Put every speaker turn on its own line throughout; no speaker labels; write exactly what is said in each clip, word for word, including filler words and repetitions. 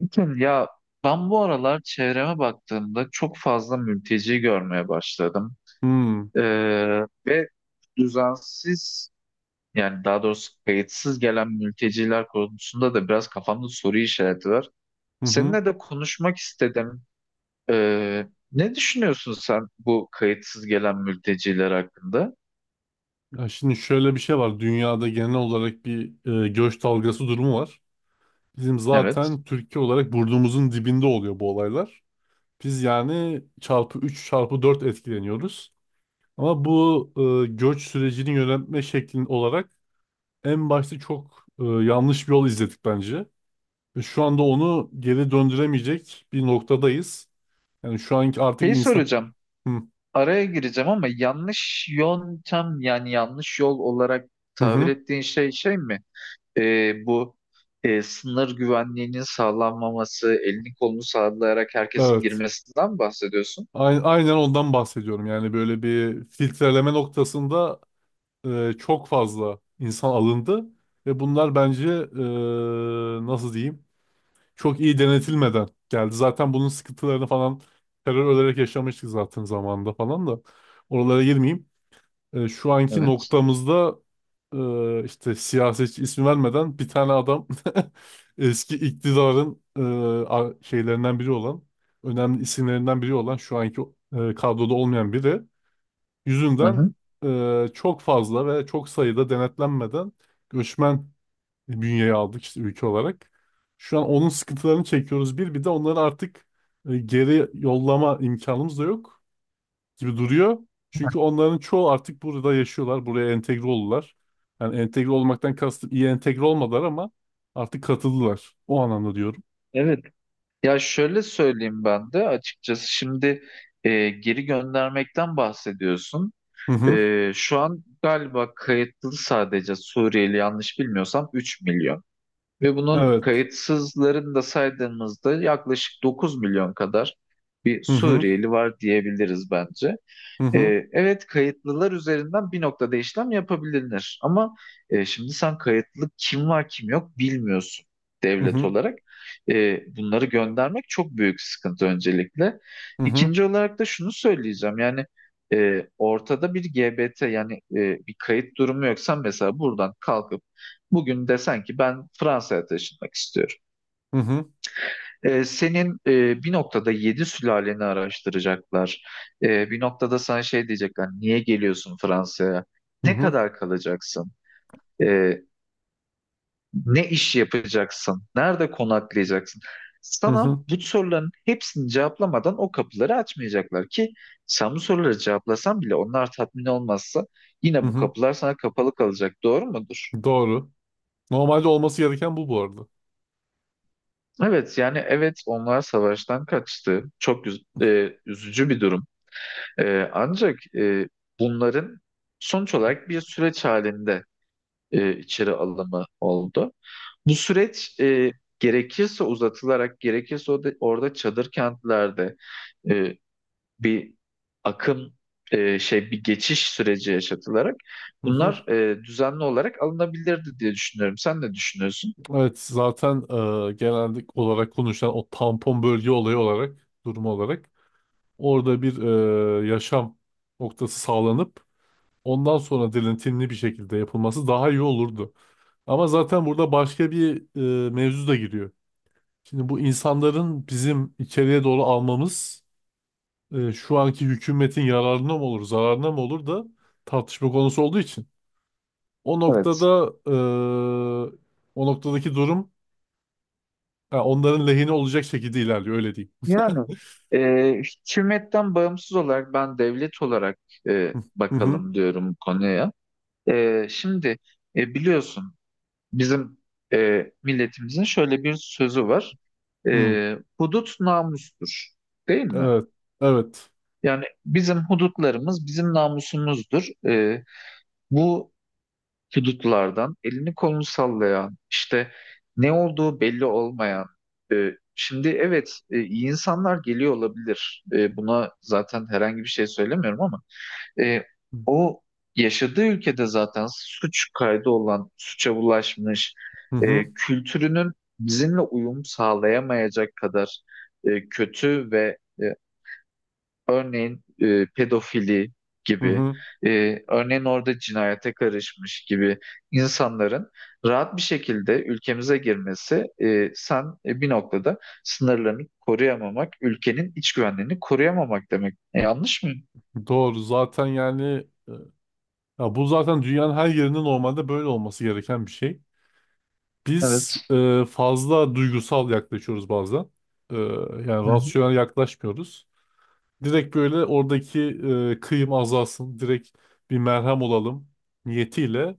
Bakın Ya, ben bu aralar çevreme baktığımda çok fazla mülteci görmeye başladım.
Hmm.
Ee, Ve düzensiz, yani daha doğrusu, kayıtsız gelen mülteciler konusunda da biraz kafamda soru işareti var.
Hı hı.
Seninle de konuşmak istedim. Ee, Ne düşünüyorsun sen bu kayıtsız gelen mülteciler hakkında?
Ya şimdi şöyle bir şey var. Dünyada genel olarak bir e, göç dalgası durumu var. Bizim
Evet.
zaten Türkiye olarak burnumuzun dibinde oluyor bu olaylar. Biz yani çarpı üç çarpı dört etkileniyoruz. Ama bu e, göç sürecini yönetme şeklin olarak en başta çok e, yanlış bir yol izledik bence. Ve şu anda onu geri döndüremeyecek bir noktadayız. Yani şu anki artık
Şeyi
insan...
soracağım.
Hı
Araya gireceğim ama yanlış yöntem, yani yanlış yol olarak
hı.
tabir
Hı.
ettiğin şey şey mi? E, bu, e, sınır güvenliğinin sağlanmaması, elini kolunu sallayarak herkesin
Evet.
girmesinden bahsediyorsun?
Ay- Aynen ondan bahsediyorum. Yani böyle bir filtreleme noktasında e, çok fazla insan alındı ve bunlar bence, e, nasıl diyeyim, çok iyi denetilmeden geldi. Zaten bunun sıkıntılarını falan terör olarak yaşamıştık zaten zamanında falan da, oralara girmeyeyim, e, şu anki
Evet.
noktamızda e, işte siyasetçi ismi vermeden bir tane adam eski iktidarın e, a- şeylerinden biri olan, önemli isimlerinden biri olan, şu anki e, kadroda olmayan biri
Hı
yüzünden
hı.
e, çok fazla ve çok sayıda denetlenmeden göçmen bünyeye aldık işte ülke olarak. Şu an onun sıkıntılarını çekiyoruz, bir bir de onları artık e, geri yollama imkanımız da yok gibi duruyor. Çünkü onların çoğu artık burada yaşıyorlar. Buraya entegre oldular. Yani entegre olmaktan kastım iyi entegre olmadılar ama artık katıldılar. O anlamda diyorum.
Evet. Ya, şöyle söyleyeyim, ben de açıkçası şimdi e, geri göndermekten bahsediyorsun.
Hı hı.
E, şu an galiba kayıtlı sadece Suriyeli, yanlış bilmiyorsam üç milyon. Ve bunun
Evet.
kayıtsızlarını da saydığımızda yaklaşık dokuz milyon kadar bir
Hı hı.
Suriyeli var diyebiliriz bence.
Hı hı.
Ee, evet, kayıtlılar üzerinden bir noktada işlem yapabilir ama e, şimdi sen kayıtlı kim var kim yok bilmiyorsun,
Hı
devlet
hı.
olarak. Ee, bunları göndermek çok büyük sıkıntı öncelikle.
Hı hı.
İkinci olarak da şunu söyleyeceğim, yani e, ortada bir G B T, yani e, bir kayıt durumu yoksa, mesela buradan kalkıp bugün desen ki ben Fransa'ya taşınmak istiyorum.
Hı hı.
Ee, senin e, bir noktada yedi sülaleni araştıracaklar. Ee, bir noktada sana şey diyecekler: niye geliyorsun Fransa'ya?
Hı
Ne
hı.
kadar kalacaksın? Ee, Ne iş yapacaksın? Nerede konaklayacaksın?
Hı
Sana
hı.
bu soruların hepsini cevaplamadan o kapıları açmayacaklar ki, sen bu soruları cevaplasan bile onlar tatmin olmazsa
Hı
yine bu
hı.
kapılar sana kapalı kalacak. Doğru mudur?
Doğru. Normalde olması gereken bu, bu arada.
Evet, yani evet, onlar savaştan kaçtı. Çok üz- e, üzücü bir durum. Ee, ancak e, bunların sonuç olarak bir süreç halinde e, içeri alımı oldu. Bu süreç e, gerekirse uzatılarak, gerekirse orada, orada çadır kentlerde, e, bir akım e, şey bir geçiş süreci yaşatılarak
Hı hı.
bunlar e, düzenli olarak alınabilirdi diye düşünüyorum. Sen ne düşünüyorsun?
Evet, zaten e, genelde olarak konuşulan o tampon bölge olayı olarak, durumu olarak, orada bir e, yaşam noktası sağlanıp, ondan sonra dilintinli bir şekilde yapılması daha iyi olurdu. Ama zaten burada başka bir e, mevzu da giriyor. Şimdi bu insanların bizim içeriye doğru almamız e, şu anki hükümetin yararına mı olur, zararına mı olur da tartışma konusu olduğu için. O
Evet.
noktada e, o noktadaki durum, ha, onların lehine olacak şekilde ilerliyor, öyle diyeyim.
Yani e, hükümetten bağımsız olarak ben devlet olarak e,
Hı hı.
bakalım diyorum bu konuya. Ee, şimdi, e, biliyorsun, bizim e, milletimizin şöyle bir sözü var.
Hı.
Ee, hudut namustur, değil mi?
Evet. Evet.
Yani bizim hudutlarımız bizim namusumuzdur. Ee, bu hudutlardan elini kolunu sallayan, işte ne olduğu belli olmayan. E, şimdi evet, e, iyi insanlar geliyor olabilir. E, buna zaten herhangi bir şey söylemiyorum ama. E, O yaşadığı ülkede zaten suç kaydı olan, suça bulaşmış,
Hı hı.
e, kültürünün bizimle uyum sağlayamayacak kadar e, kötü ve e, örneğin e, pedofili
Hı
gibi,
hı.
e, örneğin orada cinayete karışmış gibi insanların rahat bir şekilde ülkemize girmesi, e, sen e, bir noktada sınırlarını koruyamamak, ülkenin iç güvenliğini koruyamamak demek. E, yanlış mıyım?
Doğru. Zaten yani, ya bu zaten dünyanın her yerinde normalde böyle olması gereken bir şey. Biz
Evet.
e, fazla duygusal yaklaşıyoruz bazen. E, yani
Hı hı.
rasyonel yaklaşmıyoruz. Direkt böyle oradaki e, kıyım azalsın, direkt bir merhem olalım niyetiyle,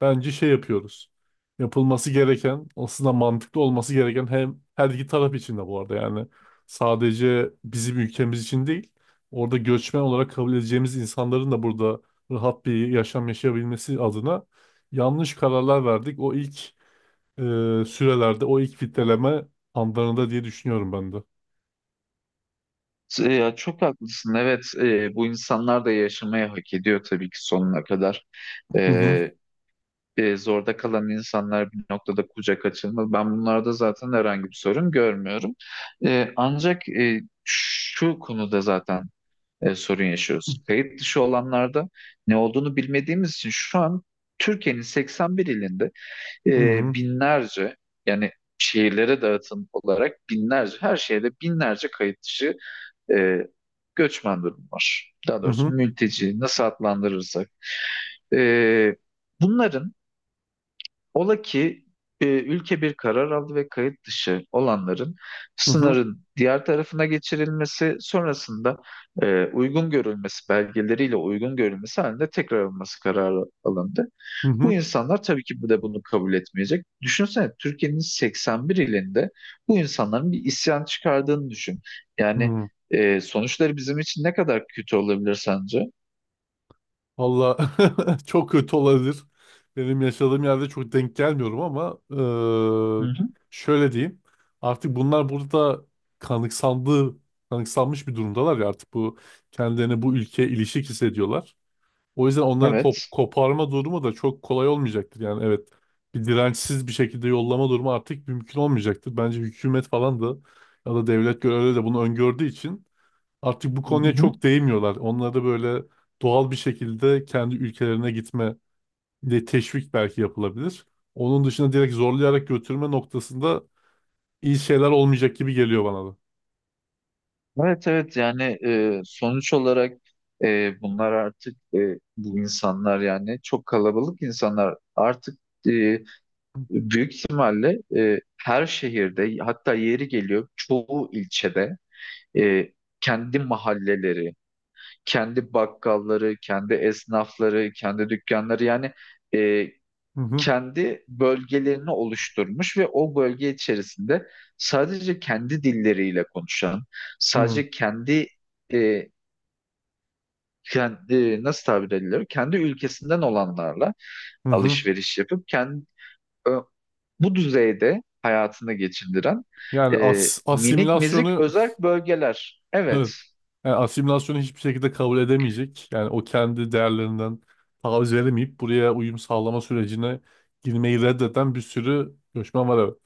bence şey yapıyoruz. Yapılması gereken, aslında mantıklı olması gereken, hem her iki taraf için de bu arada, yani sadece bizim ülkemiz için değil, orada göçmen olarak kabul edeceğimiz insanların da burada rahat bir yaşam yaşayabilmesi adına, yanlış kararlar verdik. O ilk e, sürelerde, o ilk fitleleme anlarında diye düşünüyorum ben de.
E, Ya, çok haklısın. Evet, e, bu insanlar da yaşamaya hak ediyor tabii ki, sonuna kadar.
Hı hı.
E, e, Zorda kalan insanlar bir noktada kucak açılmalı. Ben bunlarda zaten herhangi bir sorun görmüyorum. E, ancak e, şu konuda zaten e, sorun yaşıyoruz. Kayıt dışı olanlarda ne olduğunu bilmediğimiz için şu an Türkiye'nin seksen bir ilinde
Hı
e,
hı.
binlerce, yani şehirlere dağıtım olarak binlerce, her şehirde binlerce kayıt dışı e, göçmen durum var. Daha
Hı
doğrusu
hı.
mülteci, nasıl adlandırırsak. E, Bunların, ola ki e, ülke bir karar aldı ve kayıt dışı olanların
Hı hı.
sınırın diğer tarafına geçirilmesi sonrasında e, uygun görülmesi, belgeleriyle uygun görülmesi halinde tekrar alınması kararı alındı.
Hı
Bu
hı.
insanlar tabii ki bu da bunu kabul etmeyecek. Düşünsene, Türkiye'nin seksen bir ilinde bu insanların bir isyan çıkardığını düşün.
Hı
Yani
hı.
e, sonuçları bizim için ne kadar kötü olabilir sence?
Valla çok kötü olabilir. Benim yaşadığım yerde çok denk gelmiyorum ama
Hı
eee,
hı.
şöyle diyeyim. Artık bunlar burada kanıksandığı, kanıksanmış bir durumdalar, ya artık bu kendilerini bu ülkeye ilişik hissediyorlar. O yüzden onları kop-
Evet.
koparma durumu da çok kolay olmayacaktır. Yani evet, bir dirençsiz bir şekilde yollama durumu artık mümkün olmayacaktır. Bence hükümet falan da, ya da devlet görevleri de bunu öngördüğü için artık bu
Hı
konuya
hı.
çok değmiyorlar. Onları böyle doğal bir şekilde kendi ülkelerine gitme de teşvik belki yapılabilir. Onun dışında direkt zorlayarak götürme noktasında iyi şeyler olmayacak gibi geliyor bana da.
Evet, evet, yani e, sonuç olarak e, bunlar artık, e, bu insanlar, yani çok kalabalık insanlar artık e, büyük ihtimalle e, her şehirde, hatta yeri geliyor çoğu ilçede e, kendi mahalleleri, kendi bakkalları, kendi esnafları, kendi dükkanları, yani e,
Hı hı.
kendi bölgelerini oluşturmuş ve o bölge içerisinde sadece kendi dilleriyle konuşan, sadece kendi e, kendi, nasıl tabir edilir, kendi ülkesinden olanlarla
Hı hı. Hı.
alışveriş yapıp kendi bu düzeyde hayatını geçindiren
Yani
e,
as
minik mizik
asimilasyonu
özerk bölgeler. Evet.
evet. Yani asimilasyonu hiçbir şekilde kabul edemeyecek. Yani o kendi değerlerinden taviz veremeyip buraya uyum sağlama sürecine girmeyi reddeden bir sürü göçmen var, evet.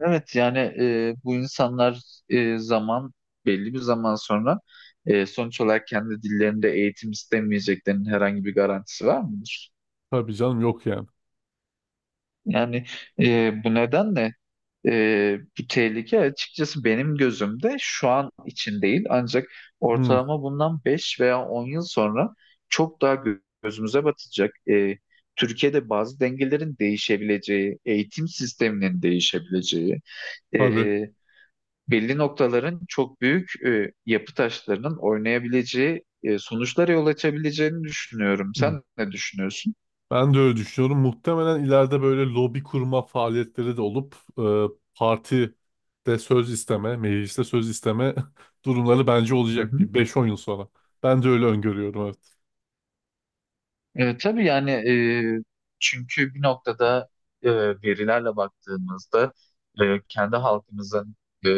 Evet, yani e, bu insanlar e, zaman belli bir zaman sonra e, sonuç olarak kendi dillerinde eğitim istemeyeceklerinin herhangi bir garantisi var mıdır?
Tabii canım, yok yani.
Yani e, bu nedenle e, bu tehlike açıkçası benim gözümde şu an için değil, ancak
Hı,
ortalama bundan beş veya on yıl sonra çok daha gö- gözümüze batacak. E, Türkiye'de bazı dengelerin değişebileceği, eğitim sisteminin değişebileceği,
tabii.
belli noktaların çok büyük e, yapı taşlarının oynayabileceği, e, sonuçlara yol açabileceğini düşünüyorum. Sen ne düşünüyorsun?
Ben de öyle düşünüyorum. Muhtemelen ileride böyle lobi kurma faaliyetleri de olup e, parti de söz isteme, mecliste söz isteme durumları bence
Hı
olacak
hı.
bir beş-on yıl sonra. Ben de öyle öngörüyorum, evet.
E, tabii, yani e, çünkü bir noktada e, verilerle baktığımızda e, kendi halkımızın e,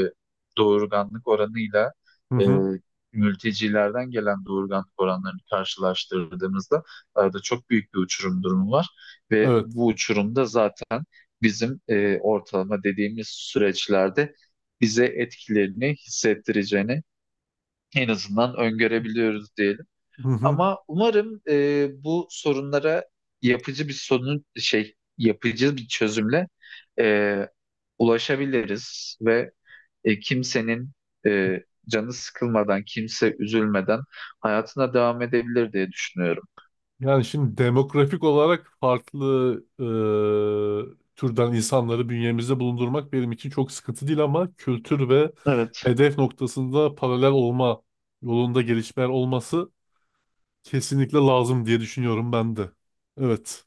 doğurganlık oranıyla
Hı
e,
hı.
mültecilerden gelen doğurganlık oranlarını karşılaştırdığımızda arada çok büyük bir uçurum durumu var ve
Evet.
bu uçurumda zaten bizim e, ortalama dediğimiz süreçlerde bize etkilerini hissettireceğini en azından öngörebiliyoruz diyelim.
Hı hı.
Ama umarım e, bu sorunlara yapıcı bir sorun şey yapıcı bir çözümle e, ulaşabiliriz ve e, kimsenin e, canı sıkılmadan, kimse üzülmeden hayatına devam edebilir diye düşünüyorum.
Yani şimdi demografik olarak farklı e, türden insanları bünyemizde bulundurmak benim için çok sıkıntı değil, ama kültür ve
Evet,
hedef noktasında paralel olma yolunda gelişmeler olması kesinlikle lazım diye düşünüyorum ben de. Evet.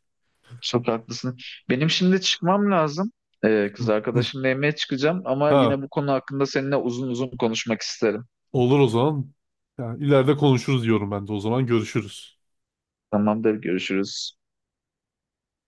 çok haklısın. Benim şimdi çıkmam lazım. E, kız
Hı, hı.
arkadaşımla yemeğe çıkacağım ama
Ha,
yine bu konu hakkında seninle uzun uzun konuşmak isterim.
olur o zaman. Yani ileride konuşuruz diyorum ben de o zaman. Görüşürüz.
Tamamdır, görüşürüz.